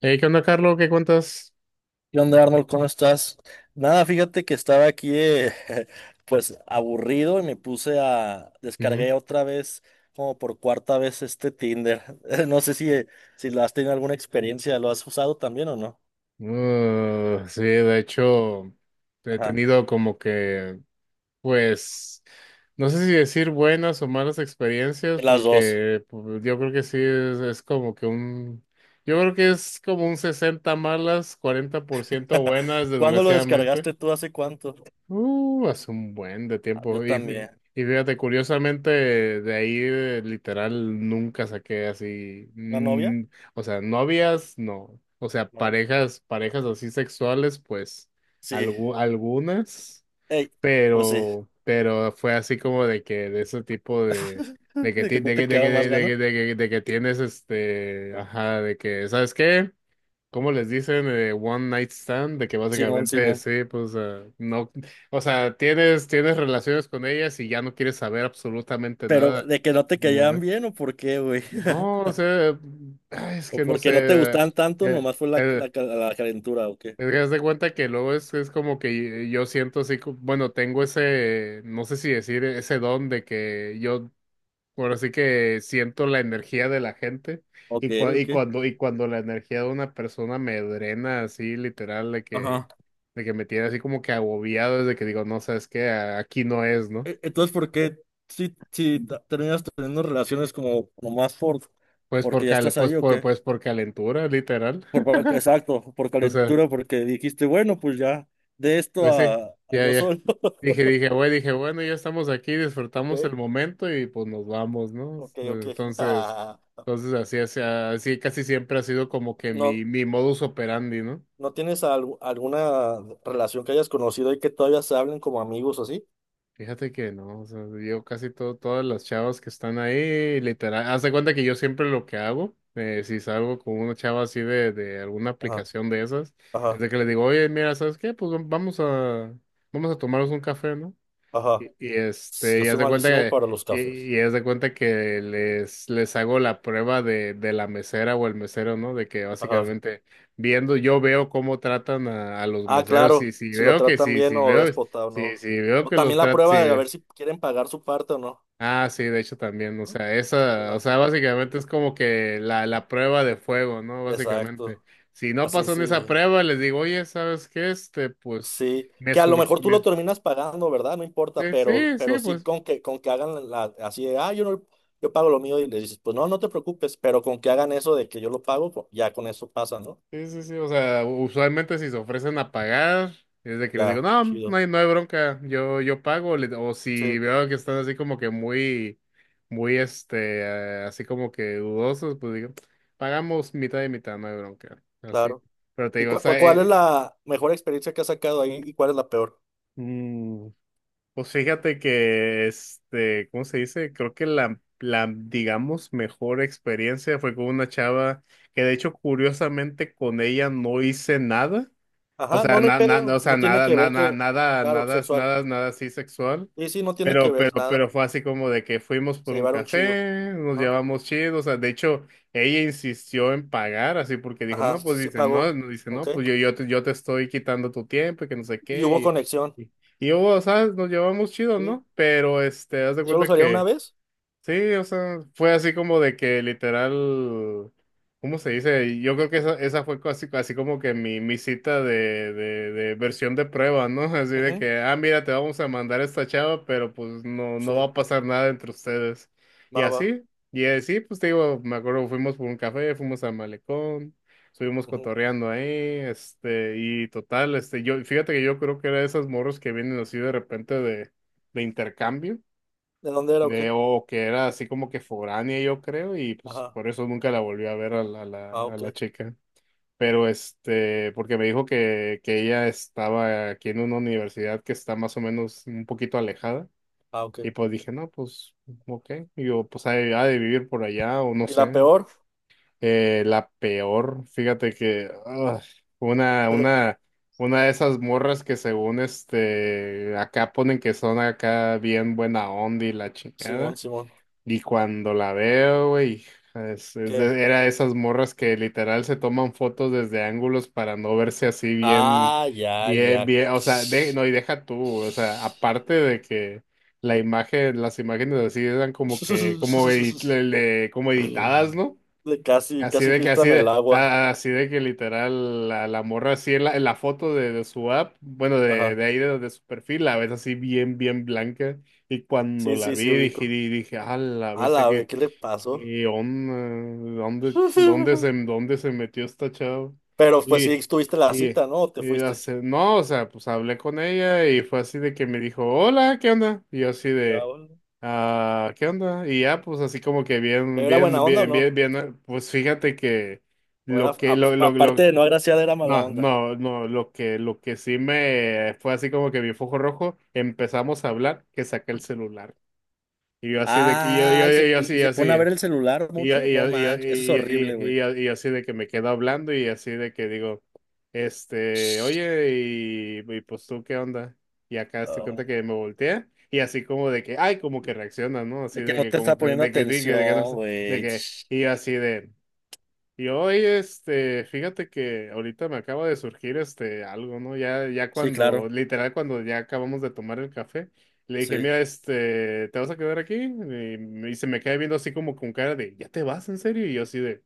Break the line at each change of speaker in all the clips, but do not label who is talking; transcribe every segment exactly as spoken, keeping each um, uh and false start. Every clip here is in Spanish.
Hey, ¿qué onda, Carlos? ¿Qué cuentas?
¿Qué onda, Arnold? ¿Cómo estás? Nada, fíjate que estaba aquí, eh, pues, aburrido y me puse a...
Ujú.
Descargué otra vez, como por cuarta vez, este Tinder. No sé si, eh, si lo has tenido alguna experiencia, ¿lo has usado también o no?
Uh, sí, de hecho, he
Ajá,
tenido como que, pues, no sé si decir buenas o malas experiencias,
de las dos.
porque pues, yo creo que sí es, es como que un, yo creo que es como un sesenta malas, cuarenta por ciento buenas,
¿Cuándo lo
desgraciadamente.
descargaste tú? ¿Hace cuánto?
Uh, hace un buen de
Ah, yo
tiempo. Y, fí-
también.
y fíjate, curiosamente, de ahí eh, literal nunca saqué así.
¿Una novia?
Mm, o sea, novias, no. O sea,
No.
parejas, parejas así sexuales, pues
Sí.
algu- algunas,
Ey, pues sí.
pero, pero fue así como de que de ese tipo de. De que,
De
ti-
¿Que no
de
te
que, de que,
quedaban más
de
ganas?
que, de que, de que de que tienes este, ajá, de que, ¿sabes qué? ¿Cómo les dicen? Eh, one night stand, de que
Simón,
básicamente
Simón.
sí, pues ah, no, o sea, tienes, tienes relaciones con ellas y ya no quieres saber absolutamente
Pero,
nada.
¿de que no te
Como
caían
ve-
bien o por qué, güey?
No, o sea, mm, ay, es
¿O
que no
porque no te
sé.
gustaban tanto,
eh,
nomás fue la,
eh,
la, ca- la calentura, o qué?
es que haz de cuenta que luego es, es como que yo siento así, co- bueno, tengo ese, no sé si decir ese don de que yo ahora sí que siento la energía de la gente
Ok,
y, cua-
ok.
y cuando y cuando la energía de una persona me drena así literal de que
Ajá.
de que me tiene así como que agobiado de que digo, no sabes qué, A- aquí no es, ¿no?
E- Entonces, ¿por qué si, si ta- terminas teniendo relaciones como nomás por,
Pues por
porque ya
cal-
estás
pues
ahí o
por,
qué?
pues por calentura, literal.
Por, por- exacto, por
O sea,
calentura, porque dijiste, bueno, pues ya, de esto
pues sí,
a, a
ya
yo
ya.
solo.
Dije, dije, güey dije, bueno, ya estamos aquí,
Ok,
disfrutamos el momento y pues nos vamos, ¿no?
ok, ok.
Entonces, entonces así así, así casi siempre ha sido como que mi
¿No,
mi modus operandi, ¿no?
no tienes al- alguna relación que hayas conocido y que todavía se hablen como amigos o así?
Fíjate que no, o sea, yo casi todo, todas las chavas que están ahí, literal, haz de cuenta que yo siempre lo que hago, eh, si salgo con una chava así de, de alguna
Ajá,
aplicación de esas, es
ajá,
de que le digo, oye, mira, ¿sabes qué? Pues vam- vamos a, vamos a tomarnos un café, ¿no? Y,
ajá.
y, este,
Yo
y haz
soy
de cuenta
malísimo
que,
para los cafés.
y, y haz de cuenta que les, les hago la prueba de, de la mesera o el mesero, ¿no? De que
Ajá.
básicamente viendo, yo veo cómo tratan a, a los
Ah,
meseros, y
claro,
si
si lo
veo que
tratan
sí,
bien
si
o
veo,
déspota o
si,
no.
si veo
O
que los
también la
tratan, si
prueba de a ver
es-
si quieren pagar su parte o no.
ah, sí, de hecho también, o
No.
sea, esa, o
No.
sea, básicamente es como que la, la prueba de fuego, ¿no? Básicamente.
Exacto.
Si no
Así
pasan esa
sí.
prueba, les digo, oye, ¿sabes qué? Este, pues,
Sí.
me
Que a lo
surgió,
mejor tú lo
me-
terminas pagando, ¿verdad? No importa,
sí,
pero,
sí,
pero
sí,
sí
pues.
con que, con que hagan la, así de, ah, yo no, yo pago lo mío y le dices, pues no, no te preocupes, pero con que hagan eso de que yo lo pago, pues, ya con eso pasa, ¿no?
Sí, sí, sí, o sea, usualmente si se ofrecen a pagar, es de que les digo,
Ya,
no, no hay,
chido.
no hay bronca, yo, yo pago, le- o si
Sí,
veo que están así como que muy, muy, este, eh, así como que dudosos, pues digo, pagamos mitad y mitad, no hay bronca, así,
claro.
pero te
¿Y
digo, o
cu- cu-
sea,
cuál es
eh,
la mejor experiencia que has sacado ahí y cuál es la peor?
mm, pues fíjate que, este, ¿cómo se dice? Creo que la, la, digamos, mejor experiencia fue con una chava que de hecho, curiosamente, con ella no hice nada. O
Ajá,
sea,
no, no hay
na- na- no, o
pedo,
sea,
no tiene
nada,
que ver
nada,
que,
nada,
claro,
nada,
sexual.
nada, nada así sexual.
Y sí, no tiene que
Pero,
ver
pero,
nada,
pero fue así como de que fuimos
se
por un
llevaron chido.
café, nos
Ajá,
llevamos chido, o sea, de hecho, ella insistió en pagar, así porque dijo,
ajá,
no, pues
sí
dice, no,
pagó,
no, dice,
ok.
no, pues yo, yo te, yo te estoy quitando tu tiempo y que no sé
Y hubo
qué,
conexión,
y, y, y yo, o sea, nos llevamos chido,
¿sí?
¿no? Pero, este, haz de
¿Y solo
cuenta
salieron una
que
vez?
sí, o sea, fue así como de que literal, ¿cómo se dice? Yo creo que esa, esa fue casi, así como que mi, mi cita de, de, de versión de prueba, ¿no? Así de
Ujú,
que, ah, mira, te vamos a mandar esta chava, pero pues no, no va
sí,
a pasar nada entre ustedes. Y
va, va.
así, y así, pues te digo, me acuerdo, fuimos por un café, fuimos al malecón, estuvimos
Ujú.
cotorreando ahí, este, y total, este, yo, fíjate que yo creo que era de esas morros que vienen así de repente de, de intercambio
¿De dónde era o
de,
qué?
o que era así como que foránea, yo creo, y pues
Ajá,
por eso nunca la volví a ver a la, a la,
ah,
a la
ok,
chica. Pero este, porque me dijo que, que ella estaba aquí en una universidad que está más o menos un poquito alejada,
ah, ok.
y pues dije, no, pues, ok, y yo, pues ha de, ha de vivir por allá, o no
¿Y
sé.
la peor?
Eh, la peor, fíjate que, ah, una, una, una de esas morras que según este, acá ponen que son acá bien buena onda y la
Simón,
chingada.
Simón,
Y cuando la veo, güey, es- es
¿qué?
de- era de esas morras que literal se toman fotos desde ángulos para no verse así bien,
Ah, ya,
bien,
ya.
bien, o sea, de- no, y deja tú, o sea, aparte de que la imagen, las imágenes así eran como que, como, edit- le- le- como editadas, ¿no?
De Casi,
Así
casi
de que, así
filtran el
de,
agua.
a- así de que literal, la, la morra así en la, en la foto de, de su app, bueno, de,
Ajá,
de ahí de, de su perfil, la ves así bien, bien blanca. Y cuando
sí,
la
sí,
vi,
sí,
dije,
ubico.
di- dije, ah, la
A
bestia
la vez,
que,
¿qué le pasó?
que onda, ¿dónde, dónde se, dónde se metió esta chava?
Pero pues sí
Y,
estuviste la
y,
cita, ¿no? ¿O te
y
fuiste?
hace, no, o sea, pues hablé con ella y fue así de que me dijo, hola, ¿qué onda? Y yo así
Ya,
de
bueno.
ah, ¿qué onda? Y ya, pues así como que bien,
¿Pero era buena
bien,
onda o
bien, bien,
no?
bien, eh, pues fíjate que
¿O era,
lo que,
a-
lo, lo,
aparte
lo,
de no agraciada, era mala
no,
onda?
no, no, lo que, lo que sí me fue así como que mi foco rojo, empezamos a hablar, que saqué el celular. Y yo así de, que- y yo,
Ah,
yo,
y
yo,
se,
yo
y, y
así,
se pone
así.
a ver el celular
Y, y
mucho.
y,
No manches, eso es
y,
horrible, güey.
y, y, y así de que me quedo hablando y así de que digo, este, oye, y, y pues tú, ¿qué onda? Y acá estoy cuenta
Ah,
que me voltea y así como de que, ay, como que reacciona, ¿no? Así
de que
de
no
que
te está
como que,
poniendo
de que, de que, de que no
atención,
sé, de
güey.
que, y yo así de, y hoy, este, fíjate que ahorita me acaba de surgir este algo, ¿no? Ya, ya
Sí,
cuando,
claro.
literal, cuando ya acabamos de tomar el café, le dije,
Sí,
mira, este, ¿te vas a quedar aquí? Y, y se me queda viendo así como con cara de, ¿ya te vas, en serio? Y yo así de,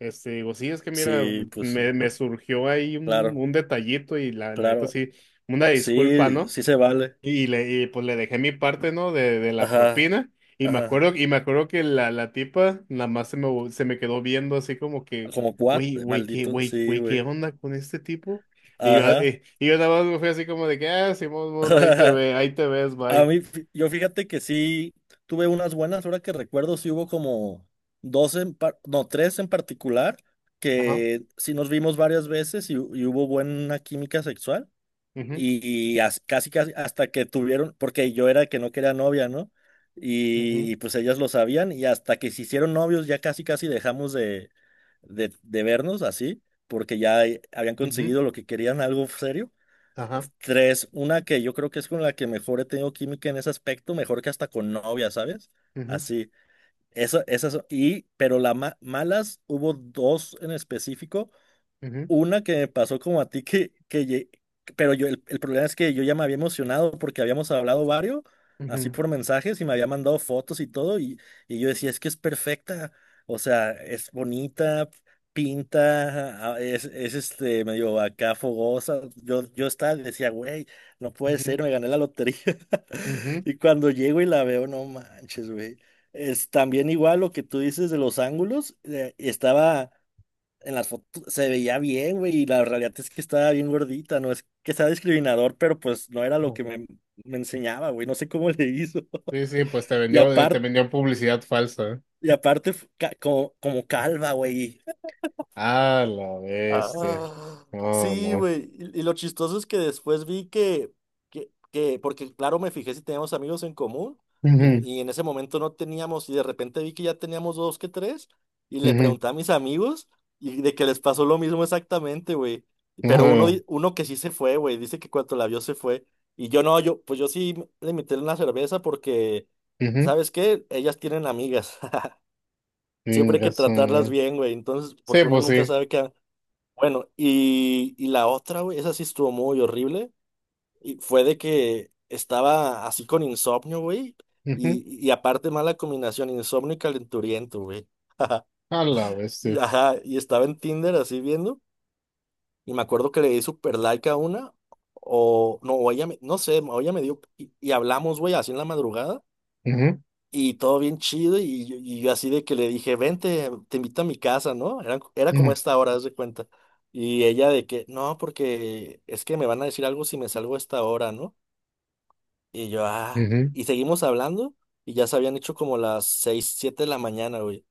este, digo, sí, es que mira,
sí, pues
me,
sí.
me surgió ahí un,
Claro,
un detallito y la, la neta
claro.
sí, una disculpa,
Sí,
¿no?
sí se vale.
Y le, y pues le dejé mi parte, ¿no? De, de la
Ajá,
propina. Y me
ajá.
acuerdo, y me acuerdo que la, la tipa nada más se me, vo- se me quedó viendo así como que,
Como cuat,
güey, güey, qué,
maldito,
güey,
sí,
güey,
güey.
¿qué onda con este tipo? Y yo,
Ajá.
eh, y yo nada más me fui así como de que, ah, Simón Morra, ahí te ve, ahí te ves,
A
bye.
mí, fí- yo fíjate que sí tuve unas buenas, ahora que recuerdo, sí hubo como dos, en par- no, tres en particular,
Ajá.
que sí nos vimos varias veces y, y hubo buena química sexual.
Ujú,
Y, y as- Casi, casi hasta que tuvieron, porque yo era el que no quería novia, ¿no? Y,
ujú,
y, pues ellas lo sabían y hasta que se hicieron novios ya casi, casi dejamos de, de, de vernos así, porque ya eh, habían
ujú,
conseguido lo que querían, algo serio.
ajá.
Tres, una que yo creo que es con la que mejor he tenido química en ese aspecto, mejor que hasta con novia, ¿sabes?
Ujú,
Así, esa, esas, y, pero las malas, hubo dos en específico,
ujú,
una que me pasó como a ti que, que lle- pero yo, el, el problema es que yo ya me había emocionado porque habíamos hablado varios, así
ujú,
por mensajes y me había mandado fotos y todo y, y yo decía, es que es perfecta, o sea, es bonita, pinta, ah, es, es este medio acá fogosa, yo, yo estaba, decía, güey, no puede
ujú,
ser, me gané la lotería.
ujú.
Y cuando llego y la veo, no manches, güey. Es también igual lo que tú dices de los ángulos, eh, estaba en las fotos, se veía bien, güey, y la realidad es que estaba bien gordita, no es que sea discriminador, pero pues no era lo que
Ujú.
me, me enseñaba, güey, no sé cómo le hizo.
Sí, sí, pues te
Y
vendió, te
aparte,
vendió publicidad falsa. ¿Eh?
y aparte fu- ca- como, como calva, güey.
Ah, la
Ah,
bestia. No,
sí,
no.
güey. Y, y lo chistoso es que después vi que, que, que- porque claro, me fijé si teníamos amigos en común y,
Ujú,
y en ese momento no teníamos y de repente vi que ya teníamos dos que tres y le
ujú.
pregunté a mis amigos y de que les pasó lo mismo exactamente, güey. Pero uno,
Ah,
di- uno que sí se fue, güey, dice que cuando la vio se fue. Y yo no, yo, pues yo sí le invité una cerveza porque,
ujú,
¿sabes qué? Ellas tienen amigas. Siempre
tienes
hay que
razón.
tratarlas
¿No?
bien, güey. Entonces,
Sí,
porque uno
pues
nunca
sí.
sabe qué, bueno, y, y la otra, güey, esa sí estuvo muy horrible. Y fue de que estaba así con insomnio, güey.
Ujú,
Y, y aparte, mala combinación, insomnio y calenturiento, güey.
a la
Y,
bestia.
ajá, y estaba en Tinder así viendo. Y me acuerdo que le di super like a una. O no, o ella me, no sé, o ella me dio. Y, y hablamos, güey, así en la madrugada.
Ujú,
Y todo bien chido, y, yo y yo así de que le dije, vente, te invito a mi casa, ¿no? Era, era como
ujú,
esta hora, haz de cuenta. Y ella de que, no, porque es que me van a decir algo si me salgo a esta hora, ¿no? Y yo, ah,
ujú,
y seguimos hablando, y ya se habían hecho como las seis, siete de la mañana, güey.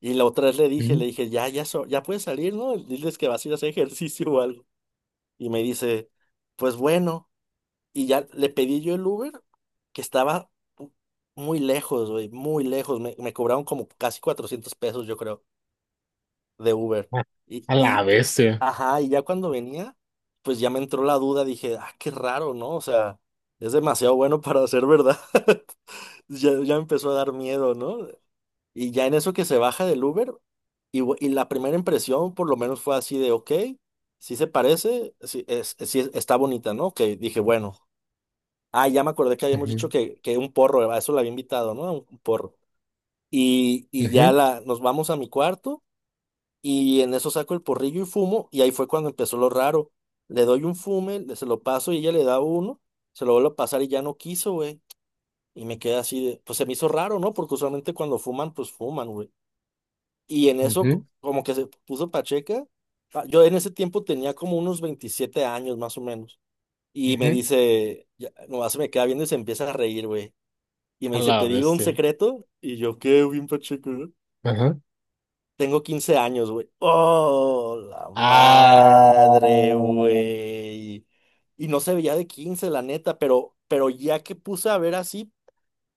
Y la otra vez le dije,
ujú,
le dije, ya, ya, so- ya puedes salir, ¿no? Diles que vas a ir a hacer ejercicio o algo. Y me dice, pues bueno. Y ya le pedí yo el Uber, que estaba muy lejos, güey, muy lejos. Me, me cobraron como casi cuatrocientos pesos, yo creo, de Uber.
A
Y,
a la
y,
bestia.
ajá, y ya cuando venía, pues ya me entró la duda, dije, ah, qué raro, ¿no? O sea, es demasiado bueno para ser verdad. Ya, ya empezó a dar miedo, ¿no? Y ya en eso que se baja del Uber, y, bu- y la primera impresión por lo menos fue así de, ok, sí se parece, sí, es, sí está bonita, ¿no? Que dije, bueno, ah, ya me acordé que habíamos dicho
Ujú,
que, que un porro, a eso la había invitado, ¿no? A Un, un porro. Y, y ya
ujú,
la, nos vamos a mi cuarto y en eso saco el porrillo y fumo y ahí fue cuando empezó lo raro. Le doy un fume, le- se lo paso y ella le da uno, se lo vuelvo a pasar y ya no quiso, güey. Y me quedé así de, pues se me hizo raro, ¿no? Porque usualmente cuando fuman, pues fuman, güey. Y en eso
ujú,
co- como que se puso pacheca. Ah, yo en ese tiempo tenía como unos veintisiete años más o menos. Y me
ujú,
dice, ya, nomás se me queda viendo y se empieza a reír, güey. Y me
a
dice,
la
¿te digo un
bestia.
secreto? Y yo, ¿qué, bien pacheco, no?
Ajá.
Tengo quince años, güey. ¡Oh, la
Ah.
madre, güey! Y no se veía de quince, la neta, pero, pero ya que puse a ver así,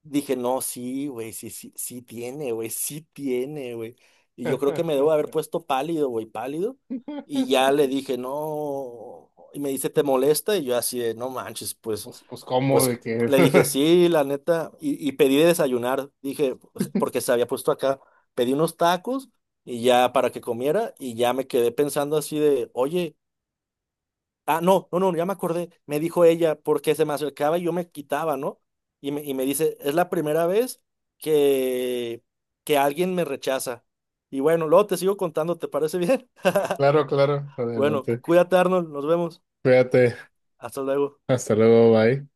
dije, no, sí, güey, sí, sí, sí tiene, güey, sí tiene, güey. Y yo creo que me debo haber puesto pálido, güey, pálido. Y ya le dije, no. Y me dice, ¿te molesta? Y yo así de, no manches, pues.
Pues, pues, ¿cómo
Pues
de que?
le dije, sí, la neta, y, y pedí de desayunar, dije, porque se había puesto acá, pedí unos tacos y ya para que comiera y ya me quedé pensando así de, oye, ah, no, no, no, ya me acordé, me dijo ella, porque se me acercaba y yo me quitaba, ¿no? Y me, y me dice, es la primera vez que, que alguien me rechaza. Y bueno, luego te sigo contando, ¿te parece bien?
Claro, claro.
Bueno, cu-
Adelante.
cuídate, Arnold, nos vemos,
Cuídate.
hasta luego.
Hasta luego. Bye.